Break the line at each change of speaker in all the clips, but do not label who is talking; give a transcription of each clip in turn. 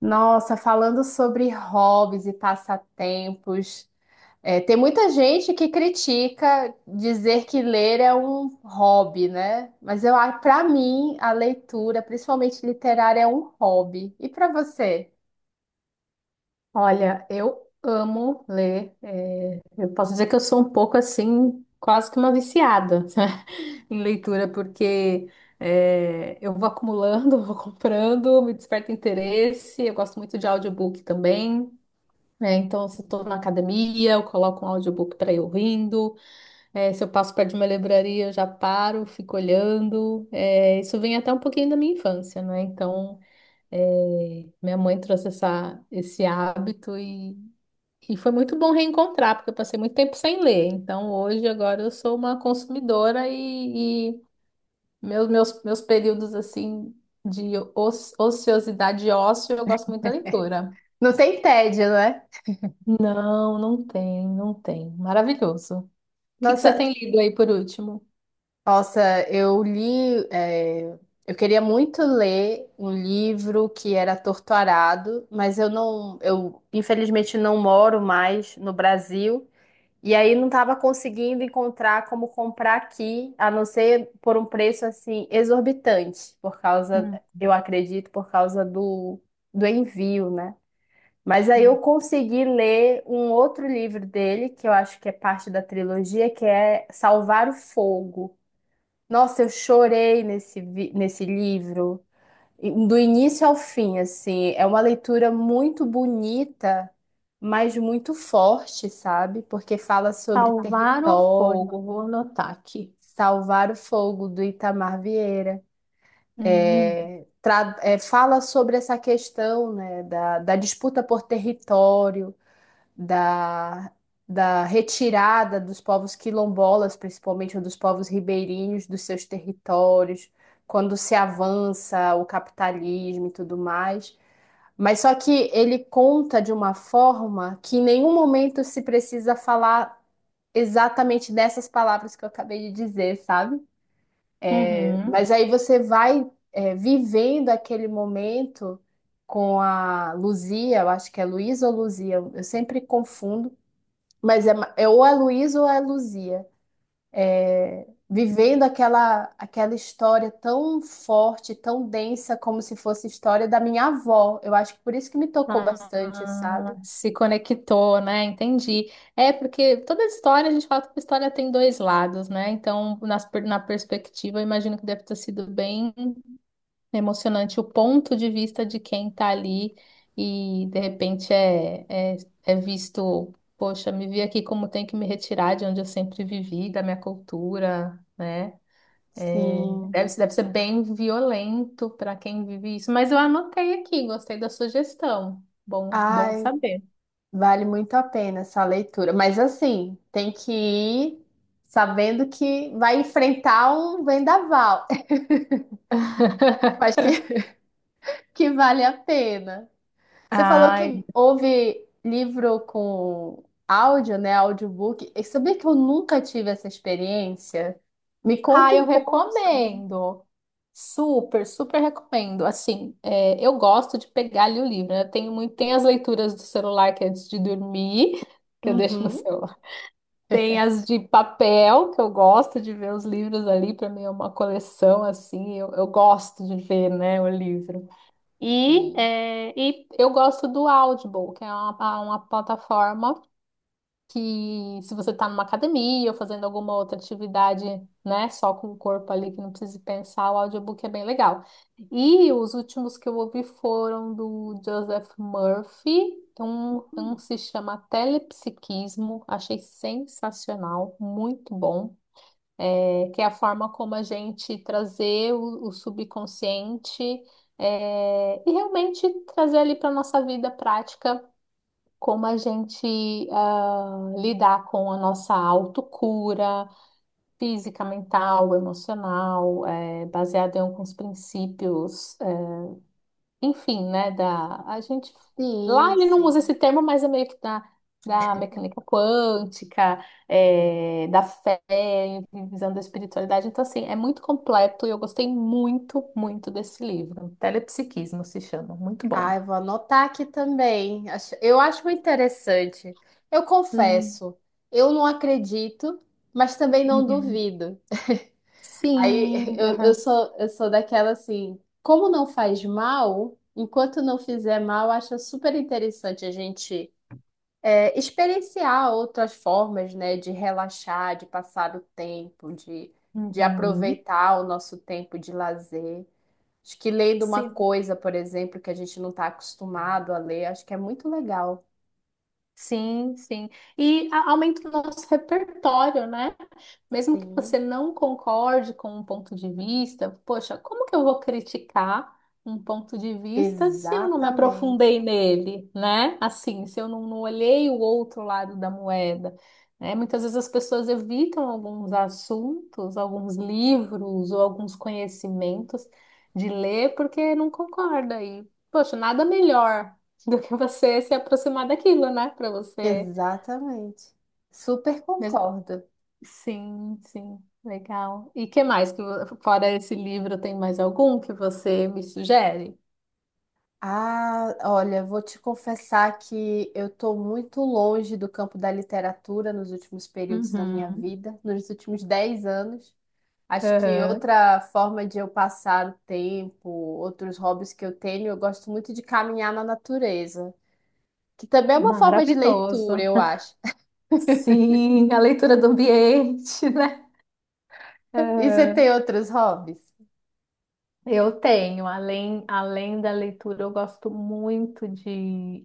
Nossa, falando sobre hobbies e passatempos, tem muita gente que critica dizer que ler é um hobby, né? Para mim, a leitura, principalmente literária, é um hobby. E para você?
Olha, eu amo ler. Eu posso dizer que eu sou um pouco assim, quase que uma viciada em leitura, porque eu vou acumulando, vou comprando, me desperta interesse. Eu gosto muito de audiobook também, né? Então, se eu estou na academia, eu coloco um audiobook para ir ouvindo. Se eu passo perto de uma livraria, eu já paro, fico olhando. Isso vem até um pouquinho da minha infância, né? Então, minha mãe trouxe esse hábito e foi muito bom reencontrar, porque eu passei muito tempo sem ler. Então, hoje, agora, eu sou uma consumidora e meus períodos, assim, de ociosidade e ócio, eu gosto muito da leitura.
Não tem tédio, né?
Não, não tem, não tem. Maravilhoso. O que que você
Nossa,
tem lido aí por último?
nossa, eu li, eu queria muito ler um livro que era Torto Arado, eu infelizmente não moro mais no Brasil. E aí não estava conseguindo encontrar como comprar aqui, a não ser por um preço assim exorbitante, eu acredito, por causa do envio, né? Mas aí eu
Hum.
consegui ler um outro livro dele, que eu acho que é parte da trilogia, que é Salvar o Fogo. Nossa, eu chorei nesse livro do início ao fim, assim, é uma leitura muito bonita, mas muito forte, sabe? Porque fala sobre
Salvar o
território,
Fogo, vou anotar aqui.
salvar o fogo do Itamar Vieira.
Uhum.
Fala sobre essa questão, né, da disputa por território, da, da retirada dos povos quilombolas, principalmente, ou dos povos ribeirinhos dos seus territórios, quando se avança o capitalismo e tudo mais. Mas só que ele conta de uma forma que em nenhum momento se precisa falar exatamente dessas palavras que eu acabei de dizer, sabe?
Uhum.
Mas aí você vai, vivendo aquele momento com a Luzia, eu acho que é Luísa ou Luzia, eu sempre confundo, mas é ou a Luísa ou é a Luzia. Vivendo aquela história tão forte, tão densa, como se fosse história da minha avó. Eu acho que por isso que me tocou bastante,
Ah,
sabe?
se conectou, né? Entendi. É porque toda história, a gente fala que toda história tem dois lados, né? Então, na perspectiva, eu imagino que deve ter sido bem emocionante o ponto de vista de quem tá ali e de repente é, é visto, poxa, me vi aqui como tenho que me retirar de onde eu sempre vivi, da minha cultura, né? É,
Sim.
deve ser bem violento para quem vive isso, mas eu anotei aqui, gostei da sugestão. Bom, bom
Ai,
saber.
vale muito a pena essa leitura. Mas assim, tem que ir sabendo que vai enfrentar um vendaval. Eu acho que vale a pena. Você falou
Ai,
que houve livro com áudio, né? Audiobook. E sabia que eu nunca tive essa experiência? Me conta
ai eu
um pouco sobre.
recomendo. Super, super recomendo. Assim, eu gosto de pegar ali o livro, né? Eu tenho muito, tem as leituras do celular que é antes de dormir, que eu deixo no
Uhum,
celular. Tem as de papel, que eu gosto de ver os livros ali, para mim é uma coleção assim, eu gosto de ver, né, o livro. E,
sim.
é, e eu gosto do Audible, que é uma plataforma que, se você está numa academia ou fazendo alguma outra atividade, né, só com o corpo ali, que não precise pensar, o audiobook é bem legal. E os últimos que eu ouvi foram do Joseph Murphy, um
Hum,
se chama Telepsiquismo, achei sensacional, muito bom, que é a forma como a gente trazer o subconsciente, e realmente trazer ali para a nossa vida prática como a gente ah, lidar com a nossa autocura física, mental, emocional, é, baseado em alguns princípios, enfim, né, da a gente, lá
sim,
ele não usa
sim.
esse termo, mas é meio que da mecânica quântica, é, da fé, visão da espiritualidade. Então, assim, é muito completo e eu gostei muito, muito desse livro. Telepsiquismo se chama, muito bom.
Ah, eu vou anotar aqui também. Eu acho muito interessante. Eu
Uhum.
confesso, eu não acredito, mas também não
Uhum.
duvido. Aí
Sim, aham,
eu sou daquela assim, como não faz mal, enquanto não fizer mal, acho super interessante a gente experienciar outras formas, né, de relaxar, de passar o tempo, de
uhum.
aproveitar o nosso tempo de lazer. Acho que lendo uma
Sim.
coisa, por exemplo, que a gente não está acostumado a ler, acho que é muito legal.
Sim, sim. Aumenta o nosso repertório, né? Mesmo que
Sim,
você não concorde com um ponto de vista, poxa, como que eu vou criticar um ponto de vista se eu não me
exatamente.
aprofundei nele, né? Assim, se eu não, não olhei o outro lado da moeda, né? Muitas vezes as pessoas evitam alguns assuntos, alguns livros ou alguns conhecimentos de ler porque não concorda. E, poxa, nada melhor do que você se aproximar daquilo, né? Para você
Exatamente. Super
mesmo.
concordo.
Sim, sim, legal. E que mais que fora esse livro tem mais algum que você me sugere?
Ah, olha, vou te confessar que eu estou muito longe do campo da literatura nos últimos períodos da minha
Uhum,
vida, nos últimos 10 anos. Acho que
uhum.
outra forma de eu passar o tempo, outros hobbies que eu tenho, eu gosto muito de caminhar na natureza, que também é uma forma de leitura,
Maravilhoso.
eu acho.
Sim, a leitura do ambiente, né?
E você
Aham.
tem outros hobbies?
Eu tenho, além, além da leitura, eu gosto muito de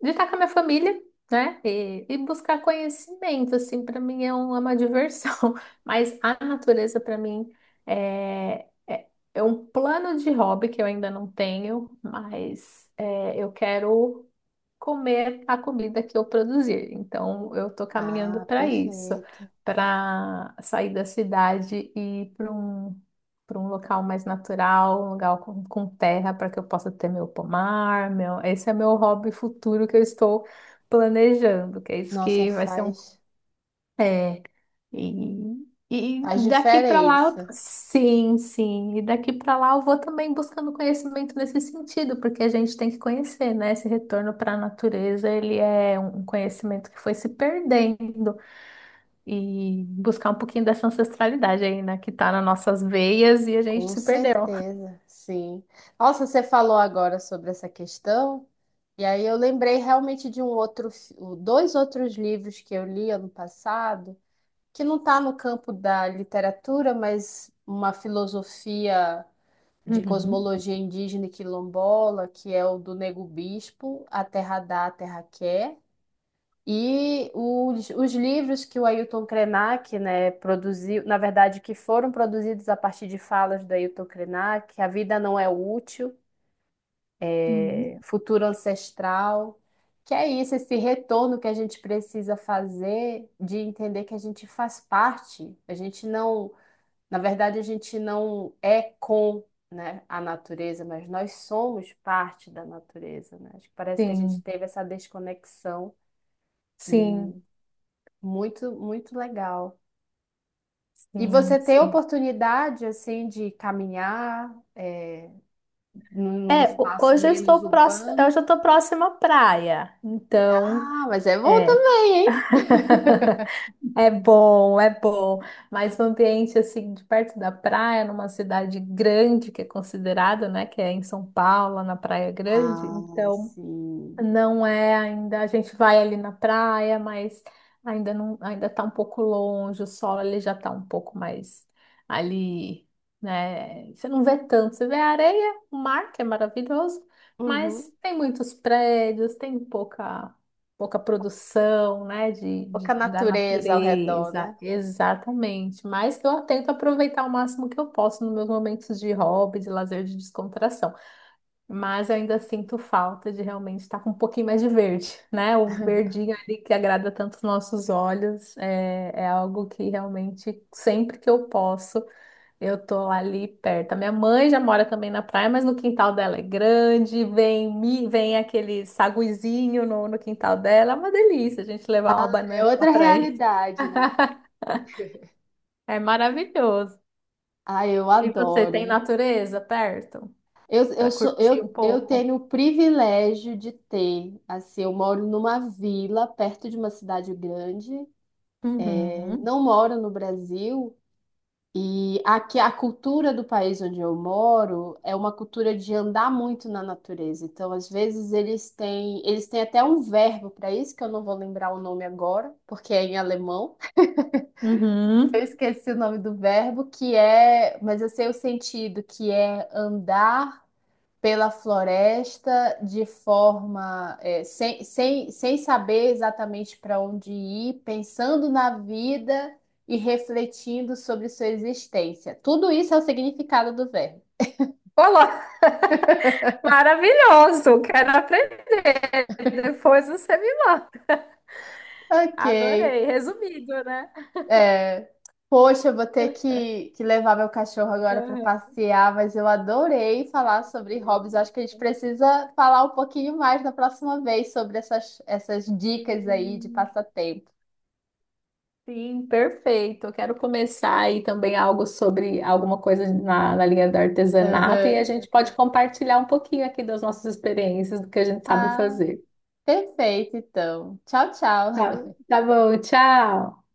estar com a minha família, né? E buscar conhecimento, assim, para mim é uma diversão. Mas a natureza, para mim, é, é, é um plano de hobby que eu ainda não tenho, mas é, eu quero comer a comida que eu produzir. Então, eu estou caminhando
Ah,
para isso,
perfeito.
para sair da cidade e ir para para um local mais natural, um lugar com terra, para que eu possa ter meu pomar. Meu... Esse é meu hobby futuro que eu estou planejando, que é isso
Nossa,
que vai ser um.
faz,
É, e
faz
daqui para lá,
diferença.
sim, sim. E daqui para lá eu vou também buscando conhecimento nesse sentido, porque a gente tem que conhecer, né? Esse retorno para a natureza, ele é um conhecimento que foi se perdendo, e buscar um pouquinho dessa ancestralidade aí, né? Que tá nas nossas veias e a gente
Com
se perdeu.
certeza, sim. Nossa, você falou agora sobre essa questão, e aí eu lembrei realmente de dois outros livros que eu li ano passado, que não está no campo da literatura, mas uma filosofia de
Uhum.
cosmologia indígena e quilombola, que é o do Nego Bispo, A Terra Dá, a Terra Quer. E os livros que o Ailton Krenak, né, produziu, na verdade, que foram produzidos a partir de falas do Ailton Krenak, A Vida Não é Útil,
Uhum.
é, futuro ancestral, que é isso, esse retorno que a gente precisa fazer de entender que a gente faz parte, a gente não, na verdade, a gente não é com, né, a natureza, mas nós somos parte da natureza, né? Acho que parece que a gente
Sim,
teve essa desconexão e
sim,
muito, muito legal. E você
sim,
tem a
sim.
oportunidade, assim, de caminhar, é, num
É,
espaço
hoje eu
menos
estou próxima, eu
urbano?
já estou próxima à praia, então
Ah, mas é bom
é.
também, hein?
É bom, mas um ambiente assim de perto da praia, numa cidade grande que é considerada, né, que é em São Paulo, na Praia Grande,
Ah,
então
sim.
não é ainda, a gente vai ali na praia, mas ainda não, ainda tá um pouco longe, o sol ele já tá um pouco mais ali, né? Você não vê tanto, você vê a areia, o mar, que é maravilhoso,
Uhum.
mas tem muitos prédios, tem pouca produção, né,
Pouca
da
natureza ao redor,
natureza,
né?
exatamente. Mas eu tento aproveitar o máximo que eu posso nos meus momentos de hobby, de lazer, de descontração. Mas eu ainda sinto falta de realmente estar com um pouquinho mais de verde, né? O verdinho ali que agrada tanto os nossos olhos é algo que realmente sempre que eu posso eu tô ali perto. A minha mãe já mora também na praia, mas no quintal dela é grande, vem vem aquele saguizinho no quintal dela, é uma delícia a gente levar uma
É
banana lá
outra
pra ele.
realidade, né?
É maravilhoso.
Ah, eu
E você tem
adoro.
natureza perto para curtir um
Eu
pouco?
tenho o privilégio de ter, assim, eu moro numa vila perto de uma cidade grande. Eu
Uhum.
não moro no Brasil, e aqui a cultura do país onde eu moro é uma cultura de andar muito na natureza. Então, às vezes, eles têm até um verbo para isso, que eu não vou lembrar o nome agora, porque é em alemão. Eu
Uhum.
esqueci o nome do verbo, que é, mas eu sei o sentido, que é andar pela floresta de forma, é, sem saber exatamente para onde ir, pensando na vida e refletindo sobre sua existência. Tudo isso é o significado do verbo.
Olá, maravilhoso, quero aprender. Depois você me manda.
Ok.
Adorei, resumido, né?
É, poxa, eu vou ter que levar meu cachorro agora para
Aham.
passear, mas eu adorei falar sobre hobbies. Acho que a
Perfeito.
gente precisa falar um pouquinho mais na próxima vez sobre essas dicas aí de
Sim,
passatempo.
sim, perfeito. Eu quero começar aí também algo sobre alguma coisa na linha do artesanato e a
Aham.
gente pode compartilhar um pouquinho aqui das nossas experiências, do que a gente sabe
Ah,
fazer.
perfeito, então. Tchau, tchau.
Tá, tá bom, tchau.